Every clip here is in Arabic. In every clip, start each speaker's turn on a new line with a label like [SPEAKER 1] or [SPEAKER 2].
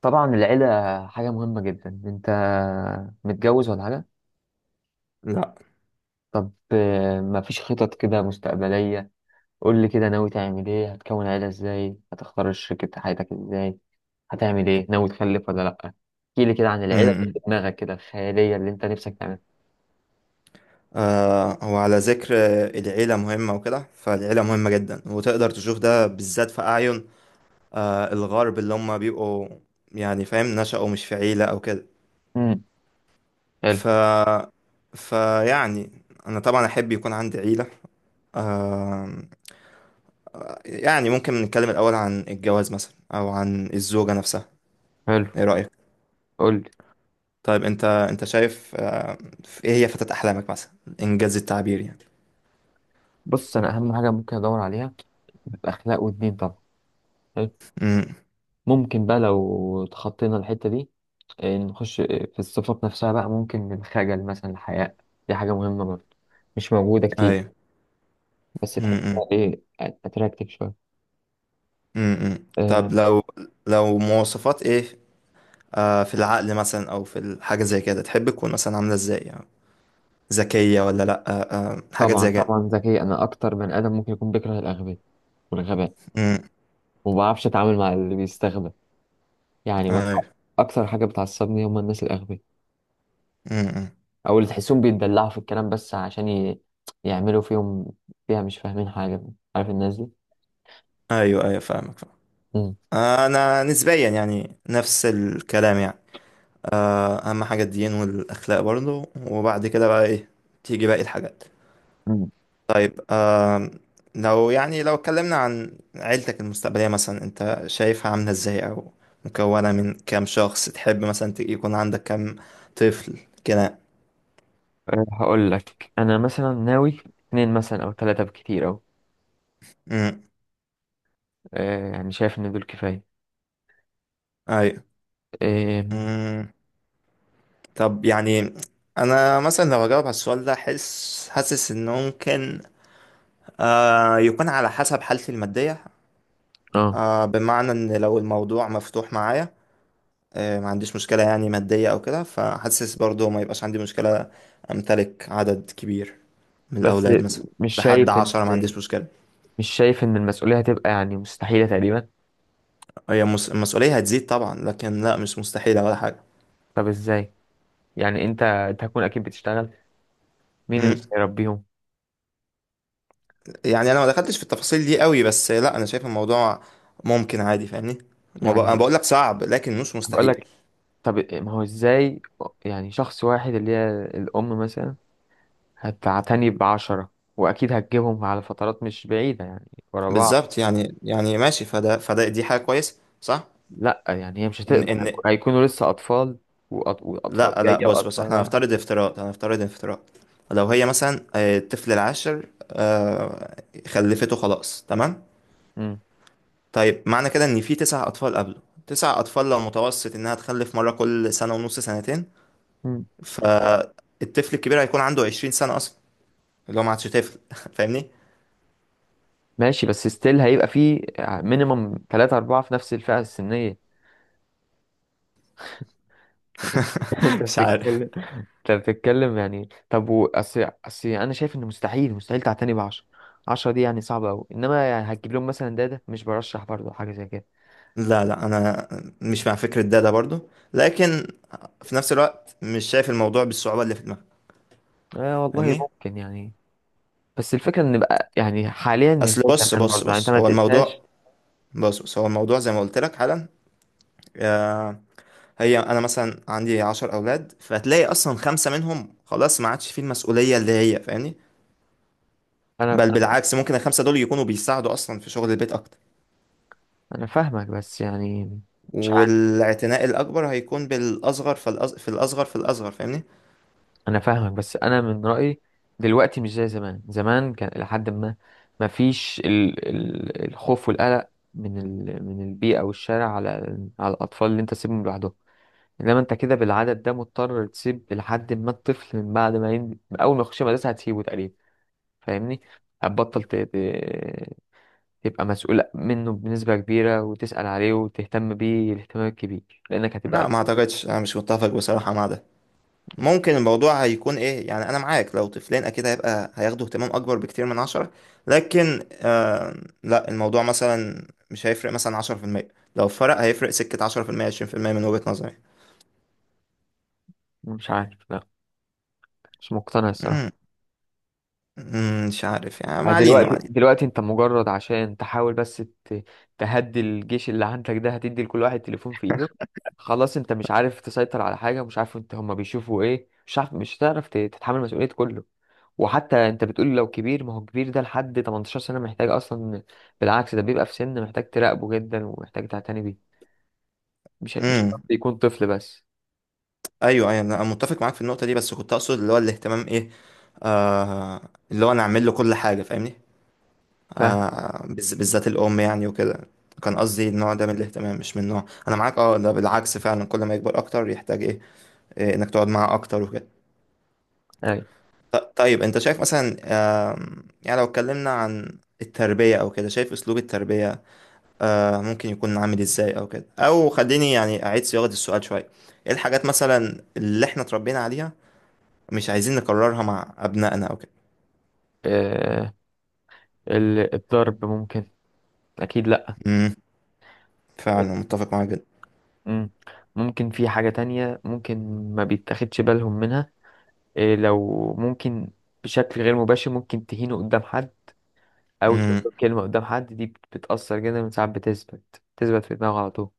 [SPEAKER 1] طبعا العيلة حاجة مهمة جدا. انت متجوز ولا حاجة؟
[SPEAKER 2] لا
[SPEAKER 1] طب مفيش خطط كده مستقبلية. قول لي كده، ناوي تعمل ايه، هتكون عيلة ازاي، هتختار شريكة حياتك ازاي، هتعمل ايه، ناوي تخلف ولا لأ؟ احكي لي كده عن العيلة اللي
[SPEAKER 2] م-م.
[SPEAKER 1] في دماغك كده الخيالية اللي انت نفسك تعملها.
[SPEAKER 2] آه هو على ذكر العيلة مهمة وكده، فالعيلة مهمة جدا وتقدر تشوف ده بالذات في أعين الغرب اللي هم بيبقوا يعني فاهم، نشأوا مش في عيلة أو كده.
[SPEAKER 1] امم، حلو.
[SPEAKER 2] ف فيعني أنا طبعا أحب يكون عندي عيلة. آم، يعني ممكن نتكلم الأول عن الجواز مثلا أو عن الزوجة نفسها.
[SPEAKER 1] حلو،
[SPEAKER 2] إيه رأيك؟
[SPEAKER 1] قول لي.
[SPEAKER 2] طيب، أنت شايف إيه هي فتاة أحلامك مثلا؟ إنجاز التعبير يعني.
[SPEAKER 1] بص، انا اهم حاجة ممكن ادور عليها اخلاق ودين طبعا. حلو.
[SPEAKER 2] م-م.
[SPEAKER 1] ممكن بقى لو تخطينا الحتة دي، نخش في الصفات نفسها بقى، ممكن الخجل مثلا، الحياء، دي حاجة مهمة برضه، مش موجودة كتير، بس
[SPEAKER 2] أيوه.
[SPEAKER 1] تحسها أتراكتيف شوية.
[SPEAKER 2] امم، طب
[SPEAKER 1] آه،
[SPEAKER 2] لو لو مواصفات ايه، في العقل مثلا او في الحاجه زي كده، تحب تكون مثلا عامله ازاي يعني؟ ذكيه ولا لا؟ حاجات
[SPEAKER 1] طبعا
[SPEAKER 2] زي كده.
[SPEAKER 1] طبعا، ذكي. أنا أكتر من آدم ممكن يكون بيكره الأغبياء والغباء،
[SPEAKER 2] امم،
[SPEAKER 1] وما بعرفش أتعامل مع اللي بيستغبى يعني،
[SPEAKER 2] ايوه،
[SPEAKER 1] أكتر حاجة بتعصبني هم الناس الأغبياء،
[SPEAKER 2] امم.
[SPEAKER 1] أو اللي تحسهم بيتدلعوا في الكلام بس عشان يعملوا فيها، مش فاهمين حاجة. عارف الناس دي؟
[SPEAKER 2] ايوه ايوه، فاهمك فاهم.
[SPEAKER 1] مم.
[SPEAKER 2] انا نسبيا يعني نفس الكلام يعني. اهم حاجه الدين والاخلاق برضه، وبعد كده بقى ايه تيجي باقي الحاجات.
[SPEAKER 1] مم.
[SPEAKER 2] طيب، لو يعني لو اتكلمنا عن عيلتك المستقبلية مثلا، انت شايفها عاملة ازاي، او مكونة من كام شخص؟ تحب مثلا يكون عندك كام طفل كده؟
[SPEAKER 1] هقول لك أنا مثلا ناوي اتنين مثلا أو تلاتة، بكتير أوي.
[SPEAKER 2] امم،
[SPEAKER 1] يعني شايف ان دول كفايه.
[SPEAKER 2] ايوه،
[SPEAKER 1] اه.
[SPEAKER 2] امم. طب يعني انا مثلا لو اجاوب على السؤال ده، حاسس ان ممكن يكون على حسب حالتي المادية.
[SPEAKER 1] آه.
[SPEAKER 2] آه، بمعنى ان لو الموضوع مفتوح معايا، ما عنديش مشكلة يعني مادية او كده، فحاسس برضو ما يبقاش عندي مشكلة امتلك عدد كبير من
[SPEAKER 1] بس
[SPEAKER 2] الأولاد مثلا.
[SPEAKER 1] مش
[SPEAKER 2] لحد
[SPEAKER 1] شايف ان
[SPEAKER 2] 10 ما عنديش مشكلة.
[SPEAKER 1] مش شايف ان المسؤوليه هتبقى يعني مستحيله تقريبا.
[SPEAKER 2] المسؤولية هتزيد طبعا، لكن لا مش مستحيلة ولا حاجة.
[SPEAKER 1] طب ازاي يعني؟ انت هتكون اكيد بتشتغل، مين
[SPEAKER 2] مم.
[SPEAKER 1] اللي هيربيهم
[SPEAKER 2] يعني أنا ما دخلتش في التفاصيل دي قوي، بس لا، أنا شايف الموضوع ممكن عادي، فاهمني. ما بق- أنا
[SPEAKER 1] يعني؟
[SPEAKER 2] بقول لك صعب لكن مش
[SPEAKER 1] بقول
[SPEAKER 2] مستحيل.
[SPEAKER 1] لك، طب ما هو ازاي يعني؟ شخص واحد اللي هي الام مثلا هتعتني بعشرة، واكيد هتجيبهم على فترات مش بعيده يعني، ورا بعض.
[SPEAKER 2] بالظبط. يعني ماشي، فده دي حاجة كويسة، صح.
[SPEAKER 1] لا يعني هي مش
[SPEAKER 2] إن
[SPEAKER 1] هتقدر،
[SPEAKER 2] إن
[SPEAKER 1] هيكونوا لسه اطفال، واطفال
[SPEAKER 2] لا لا،
[SPEAKER 1] جايه
[SPEAKER 2] بص
[SPEAKER 1] واطفال
[SPEAKER 2] إحنا
[SPEAKER 1] رايحه.
[SPEAKER 2] هنفترض افتراض، هنفترض افتراض. لو هي مثلا آه، الطفل العاشر آه، خلفته خلاص، تمام.
[SPEAKER 1] مم.
[SPEAKER 2] طيب معنى كده ان في تسع اطفال قبله، تسع اطفال، لو متوسط انها تخلف مره كل سنه ونص، سنتين،
[SPEAKER 1] مم.
[SPEAKER 2] فالطفل الكبير هيكون عنده 20 سنه اصلا، اللي هو ما عادش طفل فاهمني.
[SPEAKER 1] ماشي، بس ستيل هيبقى فيه مينيمم ثلاثة أربعة في نفس الفئة السنية. انت انت
[SPEAKER 2] مش عارف.
[SPEAKER 1] بتتكلم. انت بتتكلم يعني. طب اصل انا شايف ان مستحيل مستحيل تعتني بعشرة. عشرة عشرة دي يعني صعبة أوي، إنما يعني هتجيب لهم مثلا، ده مش برشح برضه حاجة زي كده.
[SPEAKER 2] لا لا، انا مش مع فكره ده، ده برضو. لكن في نفس الوقت مش شايف الموضوع بالصعوبه اللي في دماغك،
[SPEAKER 1] آه والله،
[SPEAKER 2] فاهمني.
[SPEAKER 1] ممكن يعني. بس الفكرة إن بقى يعني، حاليا مش زي
[SPEAKER 2] بص
[SPEAKER 1] زمان برضه
[SPEAKER 2] بص
[SPEAKER 1] يعني، أنت
[SPEAKER 2] بص
[SPEAKER 1] ما
[SPEAKER 2] هو الموضوع،
[SPEAKER 1] تقيسهاش.
[SPEAKER 2] بص هو الموضوع زي ما قلت لك حالا. آه، هي انا مثلا عندي 10 اولاد، فهتلاقي اصلا خمسه منهم خلاص ما عادش فيه المسؤوليه اللي هي فاهمني.
[SPEAKER 1] أنا
[SPEAKER 2] بل بالعكس، ممكن الخمسة دول يكونوا بيساعدوا أصلا في شغل البيت أكتر،
[SPEAKER 1] أنا فاهمك بس يعني. مش عارف.
[SPEAKER 2] والاعتناء الأكبر هيكون بالأصغر. في الأصغر في الأصغر، فاهمني؟
[SPEAKER 1] انا فاهمك بس انا من رايي دلوقتي، مش زي زمان. زمان كان الى حد ما ما فيش الخوف والقلق من من البيئه والشارع على الاطفال اللي انت تسيبهم لوحدهم. انما انت كده بالعدد ده مضطر تسيب، لحد ما الطفل من بعد ما اول ما يخش مدرسه هتسيبه تقريبا. فاهمني. هتبطل ت... ت- تبقى مسؤول منه بنسبه كبيره وتسال عليه وتهتم بيه الاهتمام الكبير لانك
[SPEAKER 2] لا
[SPEAKER 1] هتبقى.
[SPEAKER 2] ما أعتقدش، أنا مش متفق بصراحة مع ده. ممكن الموضوع هيكون إيه يعني، أنا معاك لو طفلين أكيد هيبقى هياخدوا اهتمام أكبر بكتير من 10، لكن آه... لا، الموضوع مثلا مش هيفرق مثلا 10%، لو فرق هيفرق 10%، 20%، من وجهة نظري.
[SPEAKER 1] مش عارف، لا. مش مقتنع
[SPEAKER 2] مم،
[SPEAKER 1] الصراحه.
[SPEAKER 2] مم، مش عارف يعني، ما
[SPEAKER 1] يعني
[SPEAKER 2] علينا،
[SPEAKER 1] دلوقتي
[SPEAKER 2] ما
[SPEAKER 1] دلوقتي انت مجرد عشان تحاول بس ت- تهدي الجيش اللي عندك ده، هتدي لكل واحد تليفون في ايده. خلاص، انت مش عارف تسيطر على حاجة، مش عارف انت هما بيشوفوا ايه، مش عارف، مش هتعرف تتحمل مسؤولية كله. وحتى انت بتقول لو كبير، ما هو كبير ده لحد 18 سنة محتاج اصلا. بالعكس، ده بيبقى في سن محتاج تراقبه جدا ومحتاج تعتني بيه، مش
[SPEAKER 2] علينا.
[SPEAKER 1] شرط يكون طفل بس.
[SPEAKER 2] ايوه ايوه، انا متفق معاك في النقطه دي، بس كنت اقصد اللي هو الاهتمام ايه، آه اللي هو انا اعمل له كل حاجه، فاهمني.
[SPEAKER 1] فاهم.
[SPEAKER 2] آه، بالذات الام يعني وكده. كان قصدي النوع ده من الاهتمام، مش من نوع انا معاك، اه ده بالعكس، فعلا كل ما يكبر اكتر يحتاج ايه، إيه، انك تقعد معاه اكتر وكده.
[SPEAKER 1] اي،
[SPEAKER 2] طيب، انت شايف مثلا يعني لو اتكلمنا عن التربيه او كده، شايف اسلوب التربيه ممكن يكون عامل ازاي، او كده، او خليني يعني اعيد صياغه السؤال شويه، ايه الحاجات مثلا اللي احنا اتربينا عليها مش عايزين نكررها مع أبنائنا أو كده؟
[SPEAKER 1] اه، الضرب ممكن. اكيد لا.
[SPEAKER 2] امم، فعلا متفق معاك جدا.
[SPEAKER 1] مم. ممكن في حاجة تانية، ممكن ما بيتاخدش بالهم منها. إيه، لو ممكن، بشكل غير مباشر ممكن تهينه قدام حد، أو تقول
[SPEAKER 2] امم،
[SPEAKER 1] له كلمة قدام حد، دي بتأثر جدا، من ساعات بتثبت بتثبت في دماغه على طول.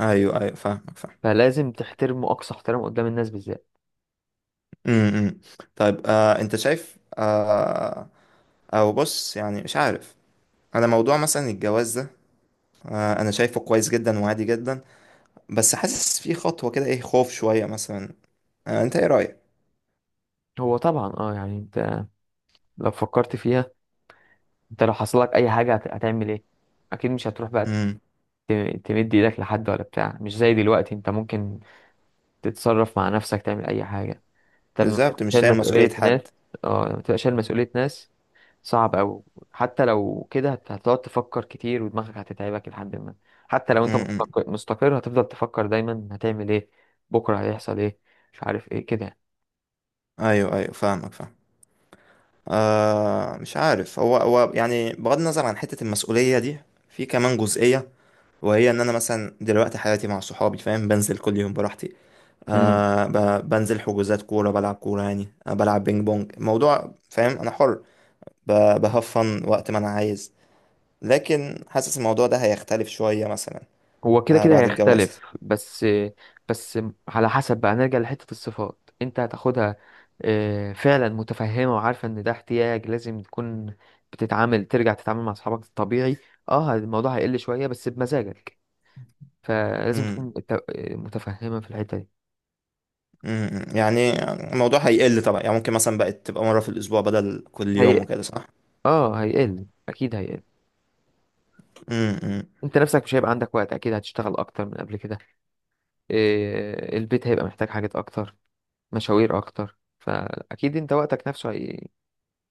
[SPEAKER 2] أيوه أيوه، فاهمك فاهم.
[SPEAKER 1] فلازم تحترمه أقصى احترام قدام الناس بالذات.
[SPEAKER 2] امم. طيب أنت شايف آه، أو بص يعني مش عارف، أنا موضوع مثلا الجواز ده، أنا شايفه كويس جدا وعادي جدا، بس حاسس فيه خطوة كده إيه، خوف شوية مثلا. آه، أنت إيه رأيك؟
[SPEAKER 1] هو طبعا، اه يعني، انت لو فكرت فيها، انت لو حصل لك أي حاجة هتعمل ايه؟ أكيد مش هتروح بقى
[SPEAKER 2] امم،
[SPEAKER 1] تمد ايدك لحد ولا بتاع. مش زي دلوقتي انت ممكن تتصرف مع نفسك، تعمل أي حاجة. انت لما تبقى
[SPEAKER 2] بالظبط، مش
[SPEAKER 1] شايل
[SPEAKER 2] شايل مسؤولية
[SPEAKER 1] مسؤولية
[SPEAKER 2] حد.
[SPEAKER 1] ناس، اه لما تبقى شايل مسؤولية ناس، صعب أوي. حتى لو كده هتقعد تفكر كتير، ودماغك هتتعبك لحد ما، حتى لو انت
[SPEAKER 2] امم،
[SPEAKER 1] مستقر، هتفضل تفكر دايما هتعمل ايه؟ بكرة هيحصل ايه؟ مش عارف ايه كده.
[SPEAKER 2] أيوه أيوه، فاهمك فاهم. مش عارف، هو يعني بغض النظر عن حتة المسؤولية دي، في كمان جزئية، وهي ان انا مثلا دلوقتي حياتي مع صحابي، فاهم، بنزل كل يوم براحتي،
[SPEAKER 1] امم
[SPEAKER 2] آه، بنزل حجوزات كوره، بلعب كوره يعني، آه، بلعب بينج بونج، موضوع، فاهم انا حر، بهفن وقت ما انا عايز. لكن حاسس الموضوع ده هيختلف شويه مثلا
[SPEAKER 1] هو كده كده
[SPEAKER 2] بعد الجواز.
[SPEAKER 1] هيختلف، بس. بس على حسب بقى، نرجع لحتة الصفات انت هتاخدها. اه، فعلا متفهمة وعارفة ان ده احتياج، لازم تكون ترجع تتعامل مع اصحابك الطبيعي. اه الموضوع هيقل شوية بس بمزاجك، فلازم تكون
[SPEAKER 2] امم،
[SPEAKER 1] متفهمة في الحتة دي.
[SPEAKER 2] امم. يعني الموضوع هيقل طبعا يعني، ممكن مثلا بقت تبقى مره في الاسبوع بدل كل
[SPEAKER 1] هي
[SPEAKER 2] يوم وكده، صح.
[SPEAKER 1] اه هيقل اكيد هيقل.
[SPEAKER 2] امم،
[SPEAKER 1] انت نفسك مش هيبقى عندك وقت، اكيد هتشتغل اكتر من قبل كده. البيت هيبقى محتاج حاجات اكتر، مشاوير اكتر، فاكيد انت وقتك نفسه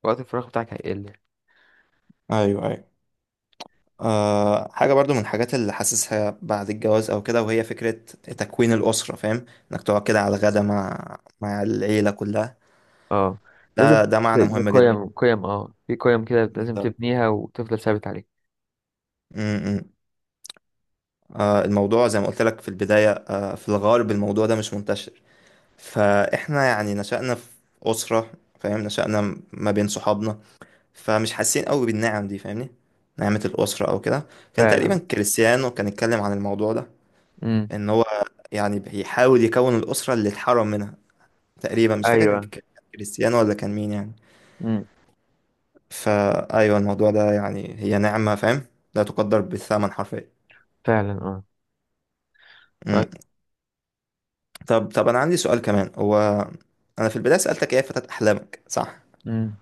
[SPEAKER 1] وقت الفراغ بتاعك هيقل.
[SPEAKER 2] ايوه ايوه. أه، حاجة برضو من الحاجات اللي حاسسها بعد الجواز أو كده، وهي فكرة تكوين الأسرة، فاهم، إنك تقعد كده على الغدا مع العيلة كلها.
[SPEAKER 1] اه، لازم
[SPEAKER 2] ده ده معنى مهم جدا.
[SPEAKER 1] قيم قيم، اه في قيم كده لازم
[SPEAKER 2] بالظبط.
[SPEAKER 1] تبنيها وتفضل ثابت عليها.
[SPEAKER 2] م- م. أه الموضوع زي ما قلت لك في البداية، أه في الغرب الموضوع ده مش منتشر، فإحنا يعني نشأنا في أسرة، فاهم، نشأنا ما بين صحابنا، فمش حاسين قوي بالنعم دي، فاهمني، نعمة الأسرة أو كده. كان تقريبا
[SPEAKER 1] فعلا.
[SPEAKER 2] كريستيانو كان اتكلم عن الموضوع ده،
[SPEAKER 1] امم.
[SPEAKER 2] ان هو يعني بيحاول يكون الاسره اللي اتحرم منها. تقريبا مش فاكر، كان
[SPEAKER 1] ايوه.
[SPEAKER 2] كان كريستيانو ولا كان مين يعني.
[SPEAKER 1] امم.
[SPEAKER 2] فايوه الموضوع ده يعني هي نعمه، فاهم، لا تقدر بالثمن حرفيا.
[SPEAKER 1] فعلا، اه.
[SPEAKER 2] مم.
[SPEAKER 1] طيب.
[SPEAKER 2] طب، انا عندي سؤال كمان، هو انا في البدايه سالتك ايه فتاة احلامك، صح؟
[SPEAKER 1] امم.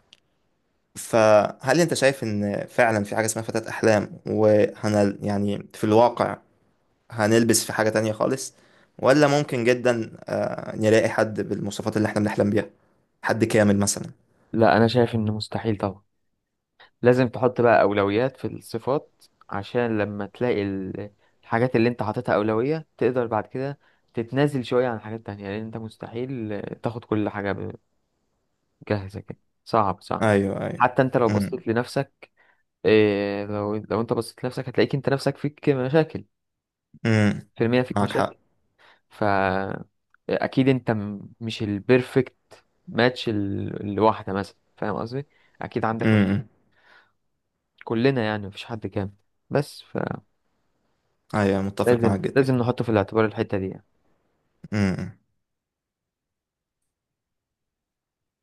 [SPEAKER 2] فهل انت شايف ان فعلا في حاجه اسمها فتاة احلام، وهنل يعني في الواقع هنلبس في حاجه تانية خالص، ولا ممكن جدا آه، نلاقي حد بالمواصفات اللي احنا بنحلم بيها، حد كامل مثلا؟
[SPEAKER 1] لا، انا شايف انه مستحيل طبعا. لازم تحط بقى أولويات في الصفات، عشان لما تلاقي الحاجات اللي انت حاططها أولوية، تقدر بعد كده تتنازل شوية عن حاجات تانية، لأن انت مستحيل تاخد كل حاجة جاهزة كده. صعب صعب.
[SPEAKER 2] ايوه ايوه،
[SPEAKER 1] حتى انت لو
[SPEAKER 2] امم،
[SPEAKER 1] بصيت لنفسك، لو انت بصيت لنفسك هتلاقيك انت نفسك فيك مشاكل.
[SPEAKER 2] امم،
[SPEAKER 1] في المية فيك
[SPEAKER 2] معاك حق.
[SPEAKER 1] مشاكل. فا أكيد انت مش البيرفكت ماتش لواحدة مثلا، فاهم قصدي؟ أكيد عندك
[SPEAKER 2] امم،
[SPEAKER 1] مشاكل. كلنا يعني، مفيش حد كامل. بس
[SPEAKER 2] ايوه متفق
[SPEAKER 1] لازم
[SPEAKER 2] معاك جدا.
[SPEAKER 1] لازم نحطه في الاعتبار الحتة دي يعني.
[SPEAKER 2] امم، امم.